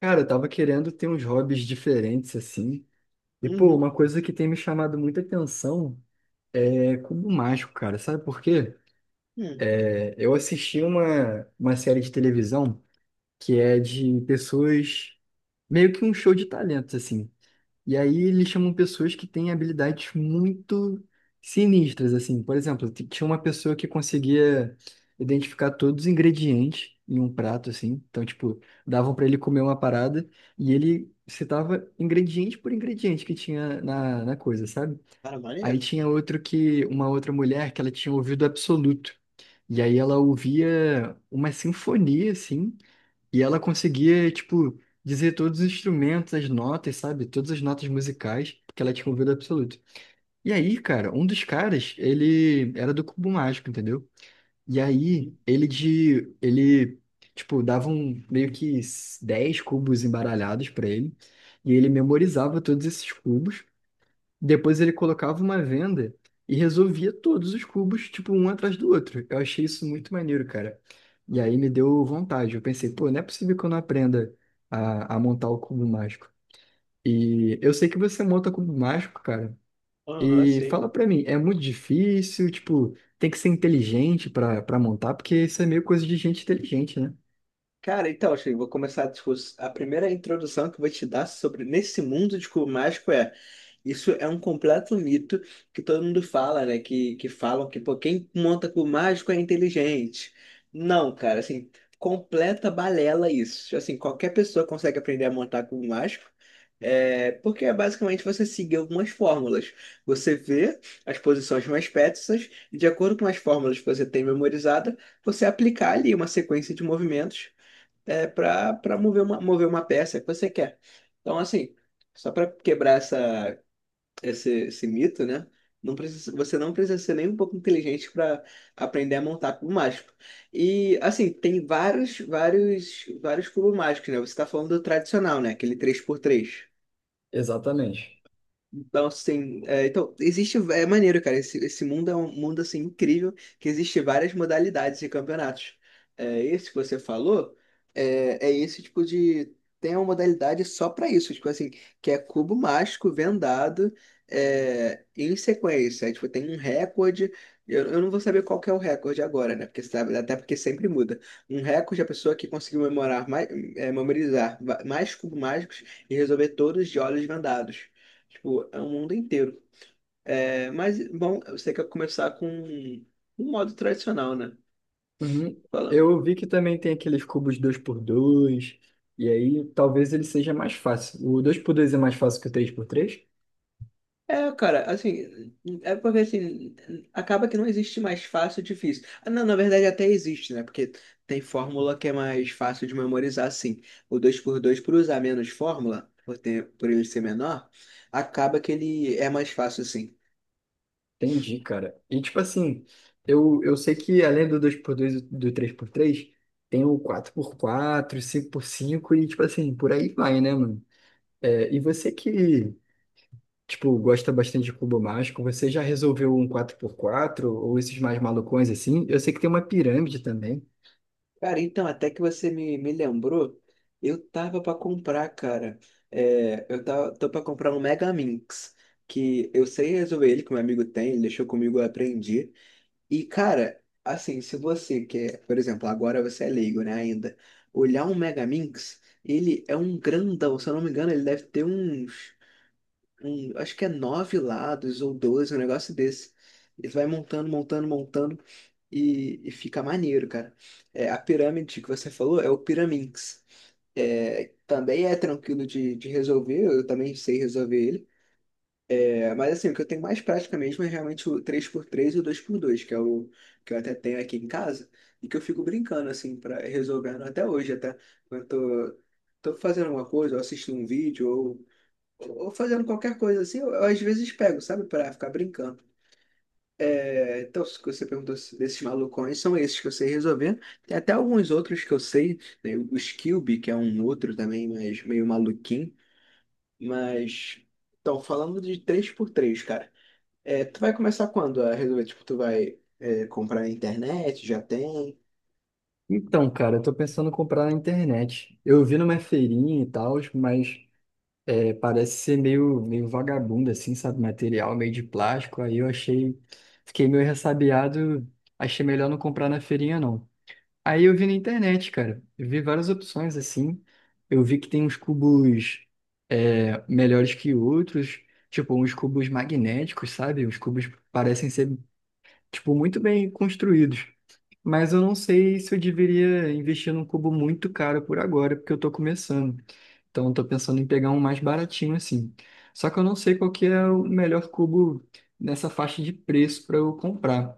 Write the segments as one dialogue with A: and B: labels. A: Cara, eu tava querendo ter uns hobbies diferentes, assim. E, pô,
B: Uhum.
A: uma coisa que tem me chamado muita atenção é cubo mágico, cara. Sabe por quê?
B: Hum,
A: Eu assisti uma série de televisão que é de pessoas, meio que um show de talentos, assim. E aí eles chamam pessoas que têm habilidades muito sinistras, assim. Por exemplo, tinha uma pessoa que conseguia identificar todos os ingredientes em um prato, assim. Então, tipo, davam para ele comer uma parada e ele citava ingrediente por ingrediente que tinha na coisa, sabe?
B: Cara,
A: Aí
B: maneiro.
A: tinha outro que, uma outra mulher que ela tinha ouvido absoluto. E aí ela ouvia uma sinfonia, assim. E ela conseguia, tipo, dizer todos os instrumentos, as notas, sabe? Todas as notas musicais, porque ela tinha um ouvido absoluto. E aí, cara, um dos caras, ele era do cubo mágico, entendeu? E aí,
B: Uhum.
A: ele de, ele, tipo, dava um, meio que 10 cubos embaralhados pra ele, e ele memorizava todos esses cubos, depois ele colocava uma venda e resolvia todos os cubos, tipo, um atrás do outro. Eu achei isso muito maneiro, cara. E aí me deu vontade. Eu pensei, pô, não é possível que eu não aprenda a montar o cubo mágico. E eu sei que você monta cubo mágico, cara.
B: Aham,
A: E
B: sim.
A: fala pra mim, é muito difícil? Tipo, tem que ser inteligente pra montar, porque isso é meio coisa de gente inteligente, né?
B: Cara, então, Shein, vou começar a A primeira introdução que eu vou te dar sobre nesse mundo de cubo mágico isso é um completo mito que todo mundo fala, né? Que falam que, pô, quem monta cubo mágico é inteligente. Não, cara, assim, completa balela isso. Assim, qualquer pessoa consegue aprender a montar cubo mágico. É, porque é basicamente você seguir algumas fórmulas. Você vê as posições mais peças e, de acordo com as fórmulas que você tem memorizada, você aplicar ali uma sequência de movimentos, é, para mover uma peça que você quer. Então, assim, só para quebrar esse mito, né? Não precisa, você não precisa ser nem um pouco inteligente para aprender a montar cubo mágico. E, assim, tem vários, vários, vários cubos mágicos, né? Você está falando do tradicional, né? Aquele três por três.
A: Exatamente.
B: Então, assim é, então, existe, é maneiro, cara, esse mundo é um mundo, assim, incrível, que existe várias modalidades de campeonatos. É, esse que você falou, é, é esse tipo de... Tem uma modalidade só pra isso, tipo assim, que é cubo mágico vendado, é, em sequência. Aí, tipo, tem um recorde. Eu não vou saber qual que é o recorde agora, né, porque sabe, até porque sempre muda. Um recorde é a pessoa que conseguiu memorizar mais cubos mágicos e resolver todos de olhos vendados. Tipo, é o mundo inteiro. É, mas, bom, você quer começar com um modo tradicional, né?
A: Uhum.
B: Falando.
A: Eu vi que também tem aqueles cubos dois por dois e aí talvez ele seja mais fácil. O dois por dois é mais fácil que o três por três.
B: É, cara, assim, é porque assim, acaba que não existe mais fácil e difícil. Ah, não, na verdade até existe, né? Porque tem fórmula que é mais fácil de memorizar, assim. O dois por dois por usar menos fórmula, por ter, por ele ser menor, acaba que ele é mais fácil, assim.
A: Entendi, cara. E tipo assim, eu sei que além do dois por dois e do três por três tem o quatro por quatro, cinco por cinco e tipo assim, por aí vai, né, mano? E você que, tipo, gosta bastante de cubo mágico, você já resolveu um quatro por quatro ou esses mais malucões assim? Eu sei que tem uma pirâmide também.
B: Cara, então, até que você me lembrou, eu tava pra comprar, cara. É, tô pra comprar um Mega Minx, que eu sei resolver ele, que meu amigo tem, ele deixou comigo, eu aprendi. E, cara, assim, se você quer, por exemplo, agora você é leigo, né, ainda, olhar um Mega Minx, ele é um grandão. Se eu não me engano, ele deve ter uns acho que é nove lados ou 12, um negócio desse. Ele vai montando, montando, montando, e fica maneiro, cara. É, a pirâmide que você falou é o Pyraminx. É, também é tranquilo de resolver, eu também sei resolver ele. É, mas assim, o que eu tenho mais prática mesmo é realmente o três por três e o 2x2, que é o que eu até tenho aqui em casa, e que eu fico brincando, assim, para resolvendo até hoje, até quando eu tô fazendo alguma coisa, ou assistindo um vídeo, ou fazendo qualquer coisa assim, eu às vezes pego, sabe, para ficar brincando. É, então, se você perguntou se- desses malucões, são esses que eu sei resolver. Tem até alguns outros que eu sei, né? O Skillby, que é um outro também, mas meio maluquinho. Mas, então, falando de três por três, cara, é, tu vai começar quando a resolver? Tipo, tu vai, é, comprar na internet? Já tem?
A: Então, cara, eu tô pensando em comprar na internet. Eu vi numa feirinha e tal, mas parece ser meio, meio vagabundo, assim, sabe? Material meio de plástico. Aí eu achei, fiquei meio ressabiado, achei melhor não comprar na feirinha, não. Aí eu vi na internet, cara. Eu vi várias opções, assim. Eu vi que tem uns cubos melhores que outros, tipo, uns cubos magnéticos, sabe? Os cubos parecem ser, tipo, muito bem construídos. Mas eu não sei se eu deveria investir num cubo muito caro por agora, porque eu estou começando. Então, eu estou pensando em pegar um mais baratinho assim. Só que eu não sei qual que é o melhor cubo nessa faixa de preço para eu comprar.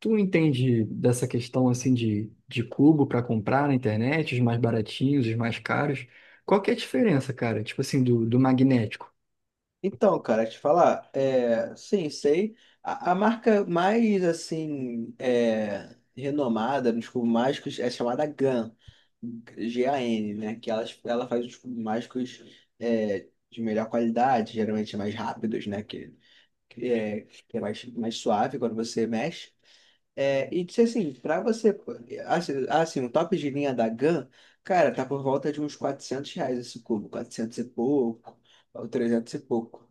A: Tu entende dessa questão assim de cubo para comprar na internet, os mais baratinhos, os mais caros? Qual que é a diferença, cara? Tipo assim, do magnético.
B: Então, cara, te falar, é, sim, sei. A marca mais assim, é, renomada nos cubos mágicos é chamada GAN, G-A-N, né? Que ela faz os cubos mágicos, é, de melhor qualidade, geralmente mais rápidos, né? Que é mais suave quando você mexe. É, e disse assim, para você, assim, assim, um top de linha da GAN, cara, tá por volta de uns R$ 400 esse cubo, 400 e pouco, ou 300 e pouco.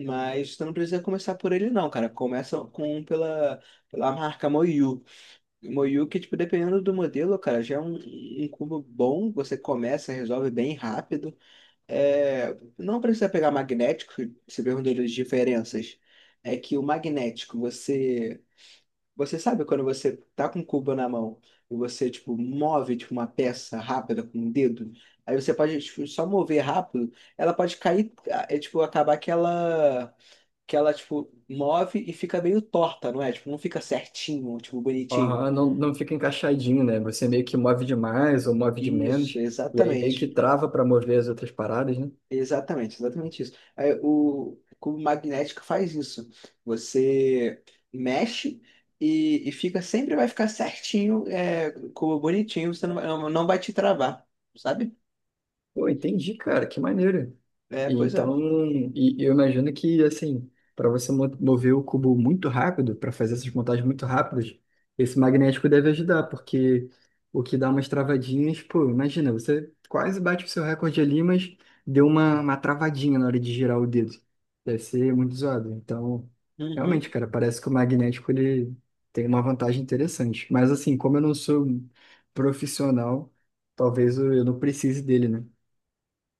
B: Mas tu não precisa começar por ele não, cara. Começa com pela marca Moyu. Moyu que, tipo, dependendo do modelo, cara, já é um cubo bom. Você começa, resolve bem rápido. É, não precisa pegar magnético, se perguntou das diferenças. É que o magnético, você... Você sabe quando você tá com o cubo na mão e você, tipo, move, tipo, uma peça rápida com o dedo. Aí você pode, tipo, só mover rápido, ela pode cair, é, tipo, acabar que ela, tipo, move e fica meio torta, não é? Tipo, não fica certinho, tipo, bonitinho.
A: Aham, não, não fica encaixadinho, né? Você meio que move demais ou move de
B: Isso,
A: menos, e aí meio que
B: exatamente.
A: trava para mover as outras paradas, né?
B: Exatamente, exatamente isso. Aí, o cubo magnético faz isso. Você mexe e fica, sempre vai ficar certinho, é, cubo bonitinho. Você não não vai te travar, sabe?
A: Pô, entendi, cara, que maneiro.
B: É,
A: E
B: pois é.
A: então, e eu imagino que, assim, para você mover o cubo muito rápido, para fazer essas montagens muito rápidas, esse magnético deve ajudar, porque o que dá umas travadinhas, pô, imagina, você quase bate o seu recorde ali, mas deu uma travadinha na hora de girar o dedo. Deve ser muito zoado. Então,
B: Uhum.
A: realmente, cara, parece que o magnético ele tem uma vantagem interessante. Mas, assim, como eu não sou um profissional, talvez eu não precise dele, né?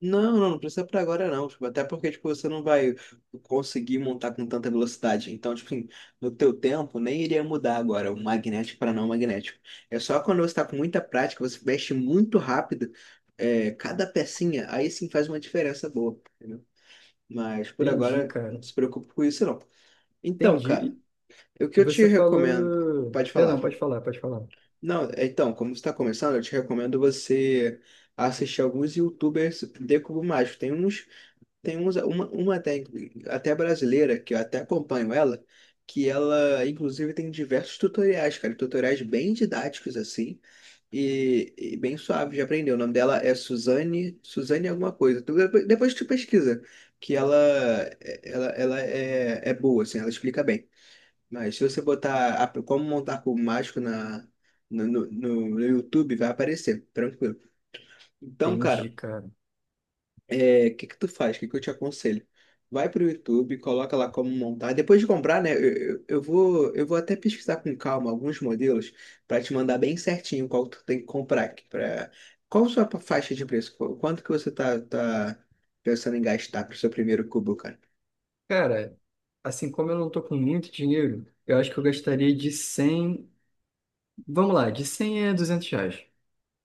B: Não, não, não precisa pra agora não, tipo, até porque, tipo, você não vai conseguir montar com tanta velocidade. Então, tipo, assim, no teu tempo nem iria mudar agora o magnético para não magnético. É só quando você tá com muita prática, você mexe muito rápido, é, cada pecinha, aí sim faz uma diferença boa, entendeu? Mas por
A: Entendi,
B: agora, não
A: cara.
B: se preocupe com isso não. Então, cara,
A: Entendi.
B: o que
A: E
B: eu te
A: você
B: recomendo,
A: falou.
B: pode falar.
A: Perdão, pode falar, pode falar.
B: Não, é, então, como você tá começando, eu te recomendo você assistir alguns YouTubers de cubo mágico. Tem uns uma técnica, até brasileira, que eu até acompanho ela, que ela, inclusive, tem diversos tutoriais, cara, tutoriais bem didáticos, assim, e bem suave de aprender. O nome dela é Suzane, Suzane alguma coisa. Depois tu pesquisa, que ela é boa, assim, ela explica bem. Mas se você como montar cubo mágico na, no, no, no no YouTube, vai aparecer, tranquilo. Então,
A: Entendi,
B: cara,
A: cara.
B: é, o que que tu faz? O que que eu te aconselho? Vai pro YouTube, coloca lá como montar. Depois de comprar, né? Eu vou até pesquisar com calma alguns modelos para te mandar bem certinho qual tu tem que comprar aqui. Pra... Qual a sua faixa de preço? Quanto que você tá pensando em gastar pro seu primeiro cubo?
A: Cara, assim como eu não tô com muito dinheiro, eu acho que eu gastaria de 100. Vamos lá, de 100 a 200 reais.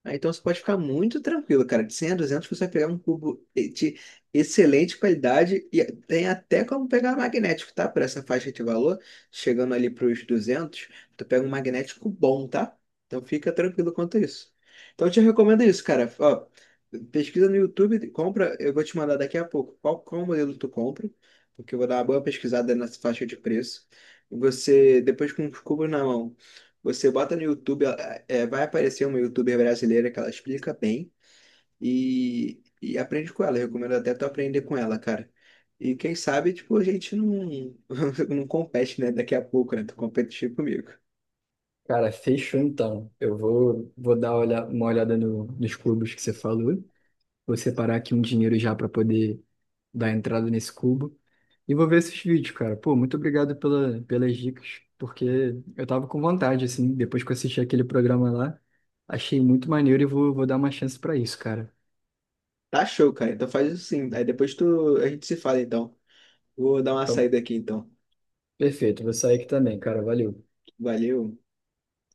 B: Ah, então você pode ficar muito tranquilo, cara. De 100 a 200 você vai pegar um cubo de excelente qualidade, e tem até como pegar magnético, tá? Por essa faixa de valor, chegando ali para os 200, tu pega um magnético bom, tá? Então fica tranquilo quanto a isso. Então eu te recomendo isso, cara. Ó, pesquisa no YouTube, compra. Eu vou te mandar daqui a pouco qual modelo tu compra, porque eu vou dar uma boa pesquisada nessa faixa de preço. Você, depois, com os cubos na mão, você bota no YouTube. Vai aparecer uma YouTuber brasileira que ela explica bem, e aprende com ela. Eu recomendo até tu aprender com ela, cara. E quem sabe, tipo, a gente não, não compete, né? Daqui a pouco, né? Tu competir comigo.
A: Cara, fechou então. Eu vou, vou dar uma olhada nos cubos que você falou. Vou separar aqui um dinheiro já para poder dar entrada nesse cubo. E vou ver esses vídeos, cara. Pô, muito obrigado pela, pelas dicas, porque eu tava com vontade, assim, depois que eu assisti aquele programa lá, achei muito maneiro e vou dar uma chance pra isso, cara.
B: Tá show, cara. Então faz isso sim. Aí depois tu, a gente se fala, então. Vou dar uma
A: Então,
B: saída aqui, então.
A: perfeito, vou sair aqui também, cara. Valeu.
B: Valeu.